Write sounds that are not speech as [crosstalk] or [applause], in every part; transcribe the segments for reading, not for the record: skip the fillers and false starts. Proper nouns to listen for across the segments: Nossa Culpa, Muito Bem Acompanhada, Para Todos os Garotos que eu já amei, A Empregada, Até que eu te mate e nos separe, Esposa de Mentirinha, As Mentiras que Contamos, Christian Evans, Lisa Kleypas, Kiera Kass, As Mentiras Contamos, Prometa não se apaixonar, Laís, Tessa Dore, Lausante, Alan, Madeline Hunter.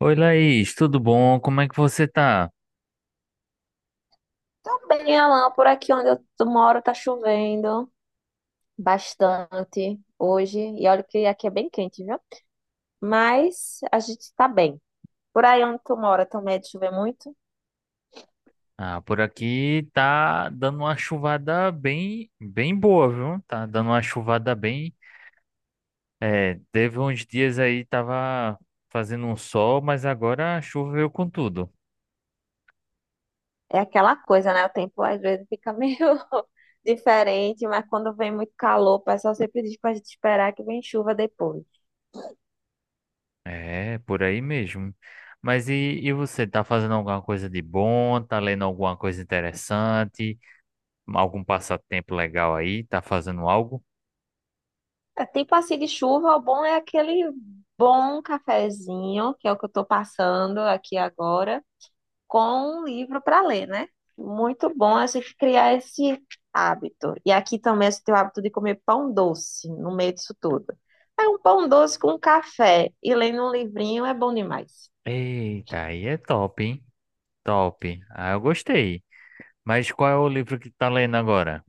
Oi, Laís, tudo bom? Como é que você tá? Tá bem, Alan, por aqui onde moro tá chovendo bastante hoje. E olha que aqui é bem quente, viu? Mas a gente tá bem. Por aí onde tu mora também é de chover muito? Ah, por aqui tá dando uma chuvada bem, bem boa, viu? Tá dando uma chuvada bem. É, teve uns dias aí tava fazendo um sol, mas agora choveu com tudo. É aquela coisa, né? O tempo às vezes fica [laughs] meio diferente, mas quando vem muito calor, o pessoal sempre diz pra gente esperar que vem chuva depois. É, por aí mesmo. Mas e você, tá fazendo alguma coisa de bom? Tá lendo alguma coisa interessante? Algum passatempo legal aí? Tá fazendo algo? É, tempo assim de chuva, o bom é aquele bom cafezinho, que é o que eu tô passando aqui agora, com um livro para ler, né? Muito bom assim criar esse hábito. E aqui também esse teu hábito de comer pão doce no meio disso tudo. É um pão doce com café e lendo um livrinho é bom demais. Eita, aí é top, hein? Top. Ah, eu gostei. Mas qual é o livro que tá lendo agora?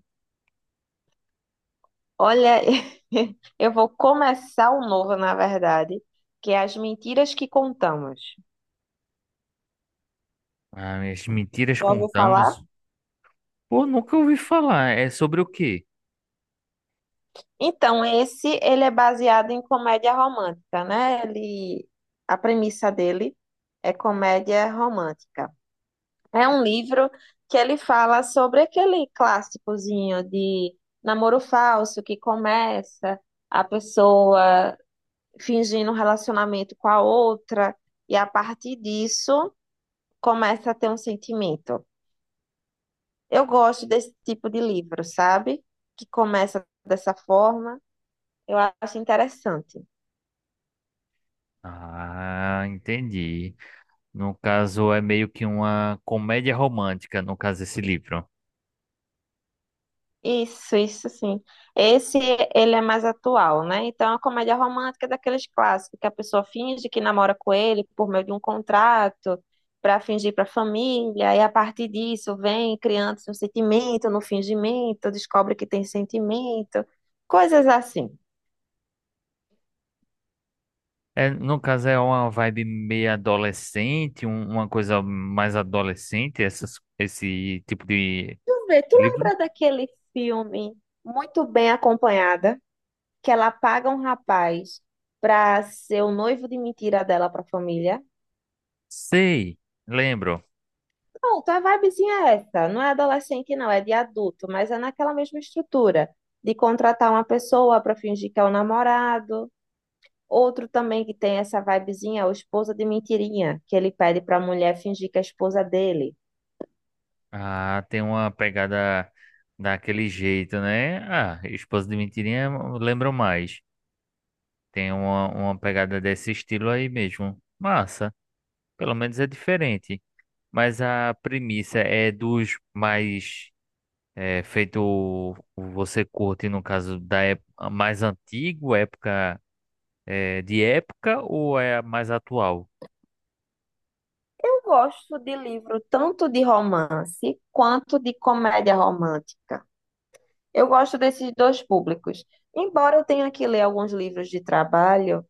Olha, [laughs] eu vou começar um novo, na verdade, que é As Mentiras que Contamos. Ah, As Mentiras Já ouviu falar? Contamos. Pô, nunca ouvi falar. É sobre o quê? Então, esse ele é baseado em comédia romântica, né? Ele, a premissa dele é comédia romântica. É um livro que ele fala sobre aquele clássicozinho de namoro falso que começa a pessoa fingindo um relacionamento com a outra e a partir disso começa a ter um sentimento. Eu gosto desse tipo de livro, sabe? Que começa dessa forma, eu acho interessante. Ah, entendi. No caso, é meio que uma comédia romântica, no caso, esse livro. Isso sim. Esse ele é mais atual, né? Então, a comédia romântica é daqueles clássicos que a pessoa finge que namora com ele por meio de um contrato para fingir para a família, e a partir disso vem criando-se um sentimento, no fingimento, descobre que tem sentimento, coisas assim. É, no caso, é uma vibe meio adolescente, uma coisa mais adolescente, essas, esse tipo de Tu vê, tu livro? lembra daquele filme Muito Bem Acompanhada, que ela paga um rapaz para ser o noivo de mentira dela para a família? Sei, lembro. Pronto, a vibezinha é essa. Não é adolescente, não, é de adulto, mas é naquela mesma estrutura de contratar uma pessoa para fingir que é o namorado, outro também que tem essa vibezinha, é o esposa de mentirinha, que ele pede para a mulher fingir que é a esposa dele. Ah, tem uma pegada daquele jeito, né? Ah, Esposa de Mentirinha, eu lembro mais. Tem uma pegada desse estilo aí mesmo. Massa. Pelo menos é diferente. Mas a premissa é dos mais é, feito você curte, no caso da época mais antigo, época é, de época, ou é a mais atual? Eu gosto de livro tanto de romance quanto de comédia romântica. Eu gosto desses dois públicos. Embora eu tenha que ler alguns livros de trabalho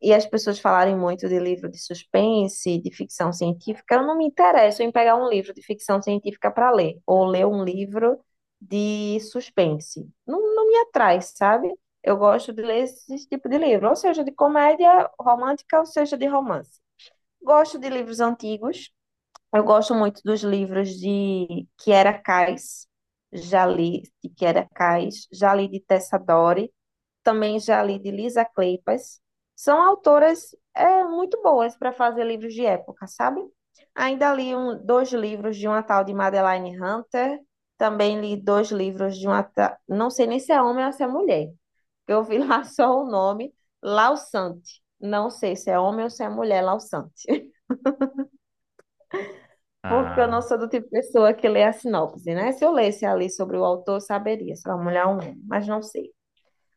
e as pessoas falarem muito de livro de suspense, de ficção científica, eu não me interesso em pegar um livro de ficção científica para ler, ou ler um livro de suspense. Não, não me atrai, sabe? Eu gosto de ler esse tipo de livro, ou seja, de comédia romântica, ou seja, de romance. Gosto de livros antigos. Eu gosto muito dos livros de Kiera Kass, já li de Kiera Kass, já li de Tessa Dore, também já li de Lisa Kleypas. São autoras é, muito boas para fazer livros de época, sabe? Ainda li um, dois livros de uma tal de Madeline Hunter, também li dois livros de uma não sei nem se é homem ou se é mulher, que eu vi [laughs] lá só o nome, Lausante. Não sei se é homem ou se é mulher, Lausante. Porque eu Ah, não sou do tipo de pessoa que lê a sinopse, né? Se eu lesse ali sobre o autor, eu saberia se era uma mulher ou um homem, mas não sei.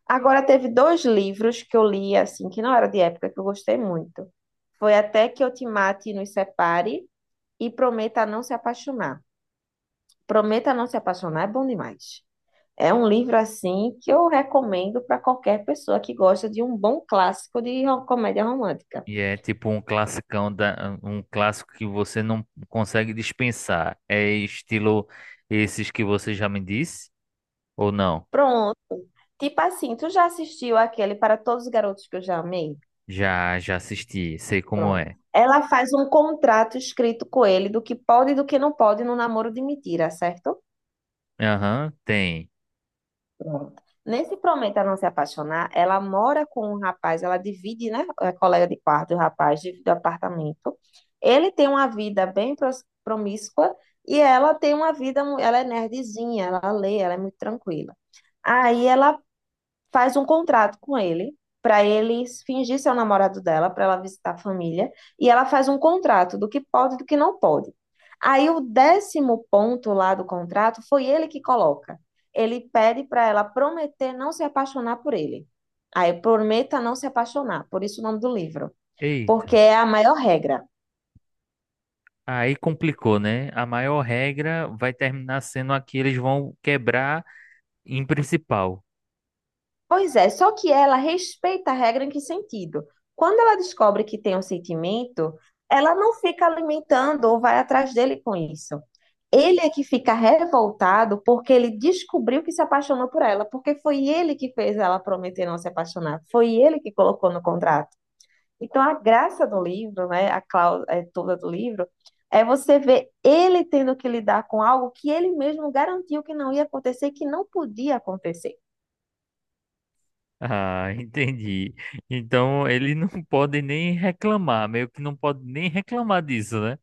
Agora, teve dois livros que eu li, assim, que não era de época, que eu gostei muito. Foi Até que eu te mate e nos separe e Prometa não se apaixonar. Prometa não se apaixonar é bom demais. É um livro, assim, que eu recomendo para qualquer pessoa que gosta de um bom clássico de comédia romântica. e é tipo um classicão da, um clássico que você não consegue dispensar. É estilo esses que você já me disse? Ou não? Pronto. Tipo assim, tu já assistiu aquele Para Todos os Garotos que eu já amei? Já, já assisti, sei como é. Pronto. Ela faz um contrato escrito com ele do que pode e do que não pode no namoro de mentira, certo? Aham, tem. Pronto. Nesse Prometa Não Se Apaixonar, ela mora com um rapaz, ela divide, né? É colega de quarto, o rapaz divide o apartamento. Ele tem uma vida bem promíscua e ela tem uma vida, ela é nerdzinha, ela lê, ela é muito tranquila. Aí ela faz um contrato com ele para ele fingir ser o namorado dela, para ela visitar a família, e ela faz um contrato do que pode e do que não pode. Aí o décimo ponto lá do contrato foi ele que coloca. Ele pede para ela prometer não se apaixonar por ele. Aí prometa não se apaixonar, por isso o nome do livro, Eita, porque é a maior regra. aí complicou, né? A maior regra vai terminar sendo a que eles vão quebrar em principal. Pois é, só que ela respeita a regra em que sentido? Quando ela descobre que tem um sentimento, ela não fica alimentando ou vai atrás dele com isso. Ele é que fica revoltado porque ele descobriu que se apaixonou por ela, porque foi ele que fez ela prometer não se apaixonar, foi ele que colocou no contrato. Então, a graça do livro, né, a cláusula é, toda do livro, é você ver ele tendo que lidar com algo que ele mesmo garantiu que não ia acontecer, e que não podia acontecer. Ah, [laughs] entendi. Então ele não [laughs] pode nem reclamar, meio que não pode nem reclamar disso, né?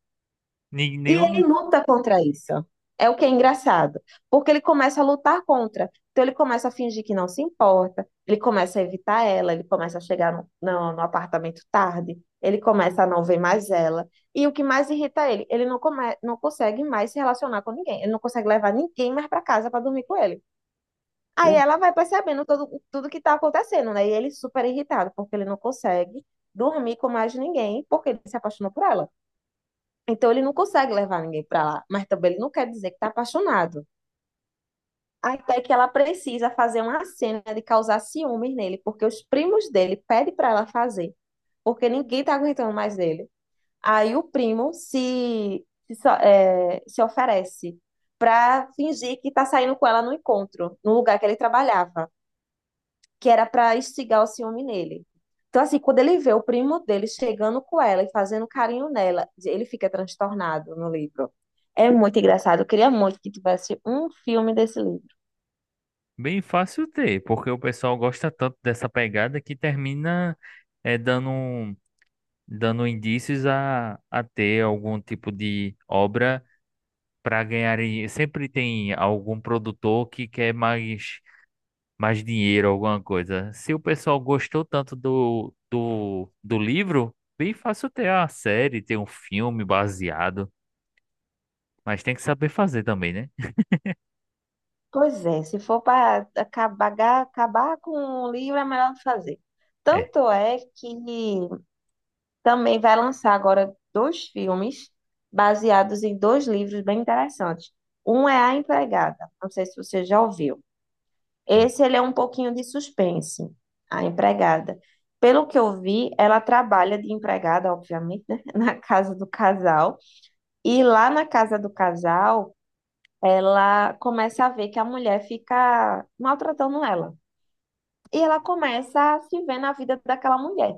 Nem, E nem ele luta contra isso. É o que é engraçado, porque ele começa a lutar contra. Então ele começa a fingir que não se importa, ele começa a evitar ela, ele começa a chegar no apartamento tarde, ele começa a não ver mais ela. E o que mais irrita ele, ele não, come, não consegue mais se relacionar com ninguém, ele não consegue levar ninguém mais para casa para dormir com ele. Aí o- ela vai percebendo todo, tudo que está acontecendo, né? E ele super irritado, porque ele não consegue dormir com mais ninguém, porque ele se apaixonou por ela. Então ele não consegue levar ninguém para lá, mas também ele não quer dizer que está apaixonado. Até que ela precisa fazer uma cena de causar ciúmes nele, porque os primos dele pedem para ela fazer, porque ninguém tá aguentando mais dele. Aí o primo se, se, so- é, se oferece para fingir que tá saindo com ela no encontro, no lugar que ele trabalhava que era para instigar o ciúme nele. Então, assim, quando ele vê o primo dele chegando com ela e fazendo carinho nela, ele fica transtornado no livro. É muito engraçado. Eu queria muito que tivesse um filme desse livro. bem fácil ter, porque o pessoal gosta tanto dessa pegada que termina dando, dando indícios a ter algum tipo de obra para ganhar. Sempre tem algum produtor que quer mais. Mais dinheiro, alguma coisa. Se o pessoal gostou tanto do livro, bem fácil ter a série, ter um filme baseado. Mas tem que saber fazer também, né? Pois é, se for para acabar, acabar com o livro, é melhor não fazer. É. Tanto é que também vai lançar agora dois filmes baseados em dois livros bem interessantes. Um é A Empregada, não sei se você já ouviu. Hum. Esse ele é um pouquinho de suspense, a empregada. Pelo que eu vi, ela trabalha de empregada, obviamente, né? [laughs] Na casa do casal. E lá na casa do casal, ela começa a ver que a mulher fica maltratando ela. E ela começa a se ver na vida daquela mulher.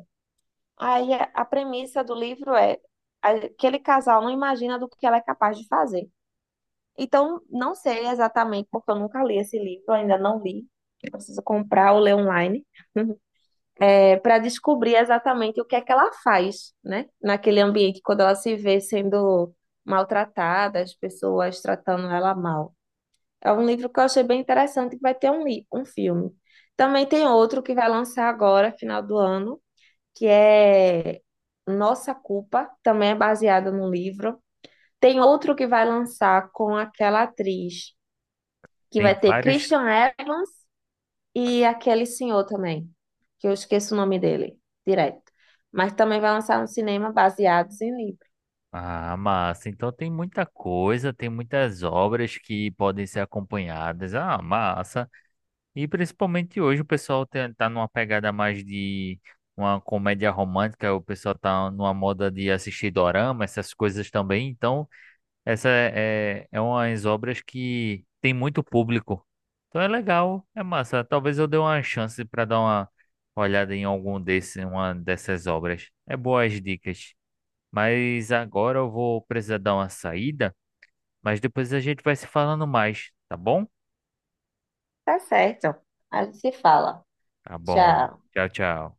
Aí a premissa do livro é: aquele casal não imagina do que ela é capaz de fazer. Então, não sei exatamente, porque eu nunca li esse livro, ainda não li. Eu preciso comprar ou ler online para descobrir exatamente o que é que ela faz, né? Naquele ambiente, quando ela se vê sendo maltratada, as pessoas tratando ela mal. É um livro que eu achei bem interessante, que vai ter um, um filme. Também tem outro que vai lançar agora, final do ano, que é Nossa Culpa, também é baseado num livro. Tem outro que vai lançar com aquela atriz, que vai Tem ter várias. Christian Evans e aquele senhor também, que eu esqueço o nome dele, direto. Mas também vai lançar um cinema baseado em livro. Ah, massa. Então tem muita coisa, tem muitas obras que podem ser acompanhadas. Ah, massa. E principalmente hoje o pessoal tá numa pegada mais de uma comédia romântica, o pessoal tá numa moda de assistir dorama, essas coisas também. Então. Essa é umas obras que tem muito público. Então é legal, é massa. Talvez eu dê uma chance para dar uma olhada em algum desse, uma dessas obras. É boas dicas. Mas agora eu vou precisar dar uma saída, mas depois a gente vai se falando mais, tá bom? Tá certo. A gente se fala. Tá bom. Tchau. Tchau, tchau.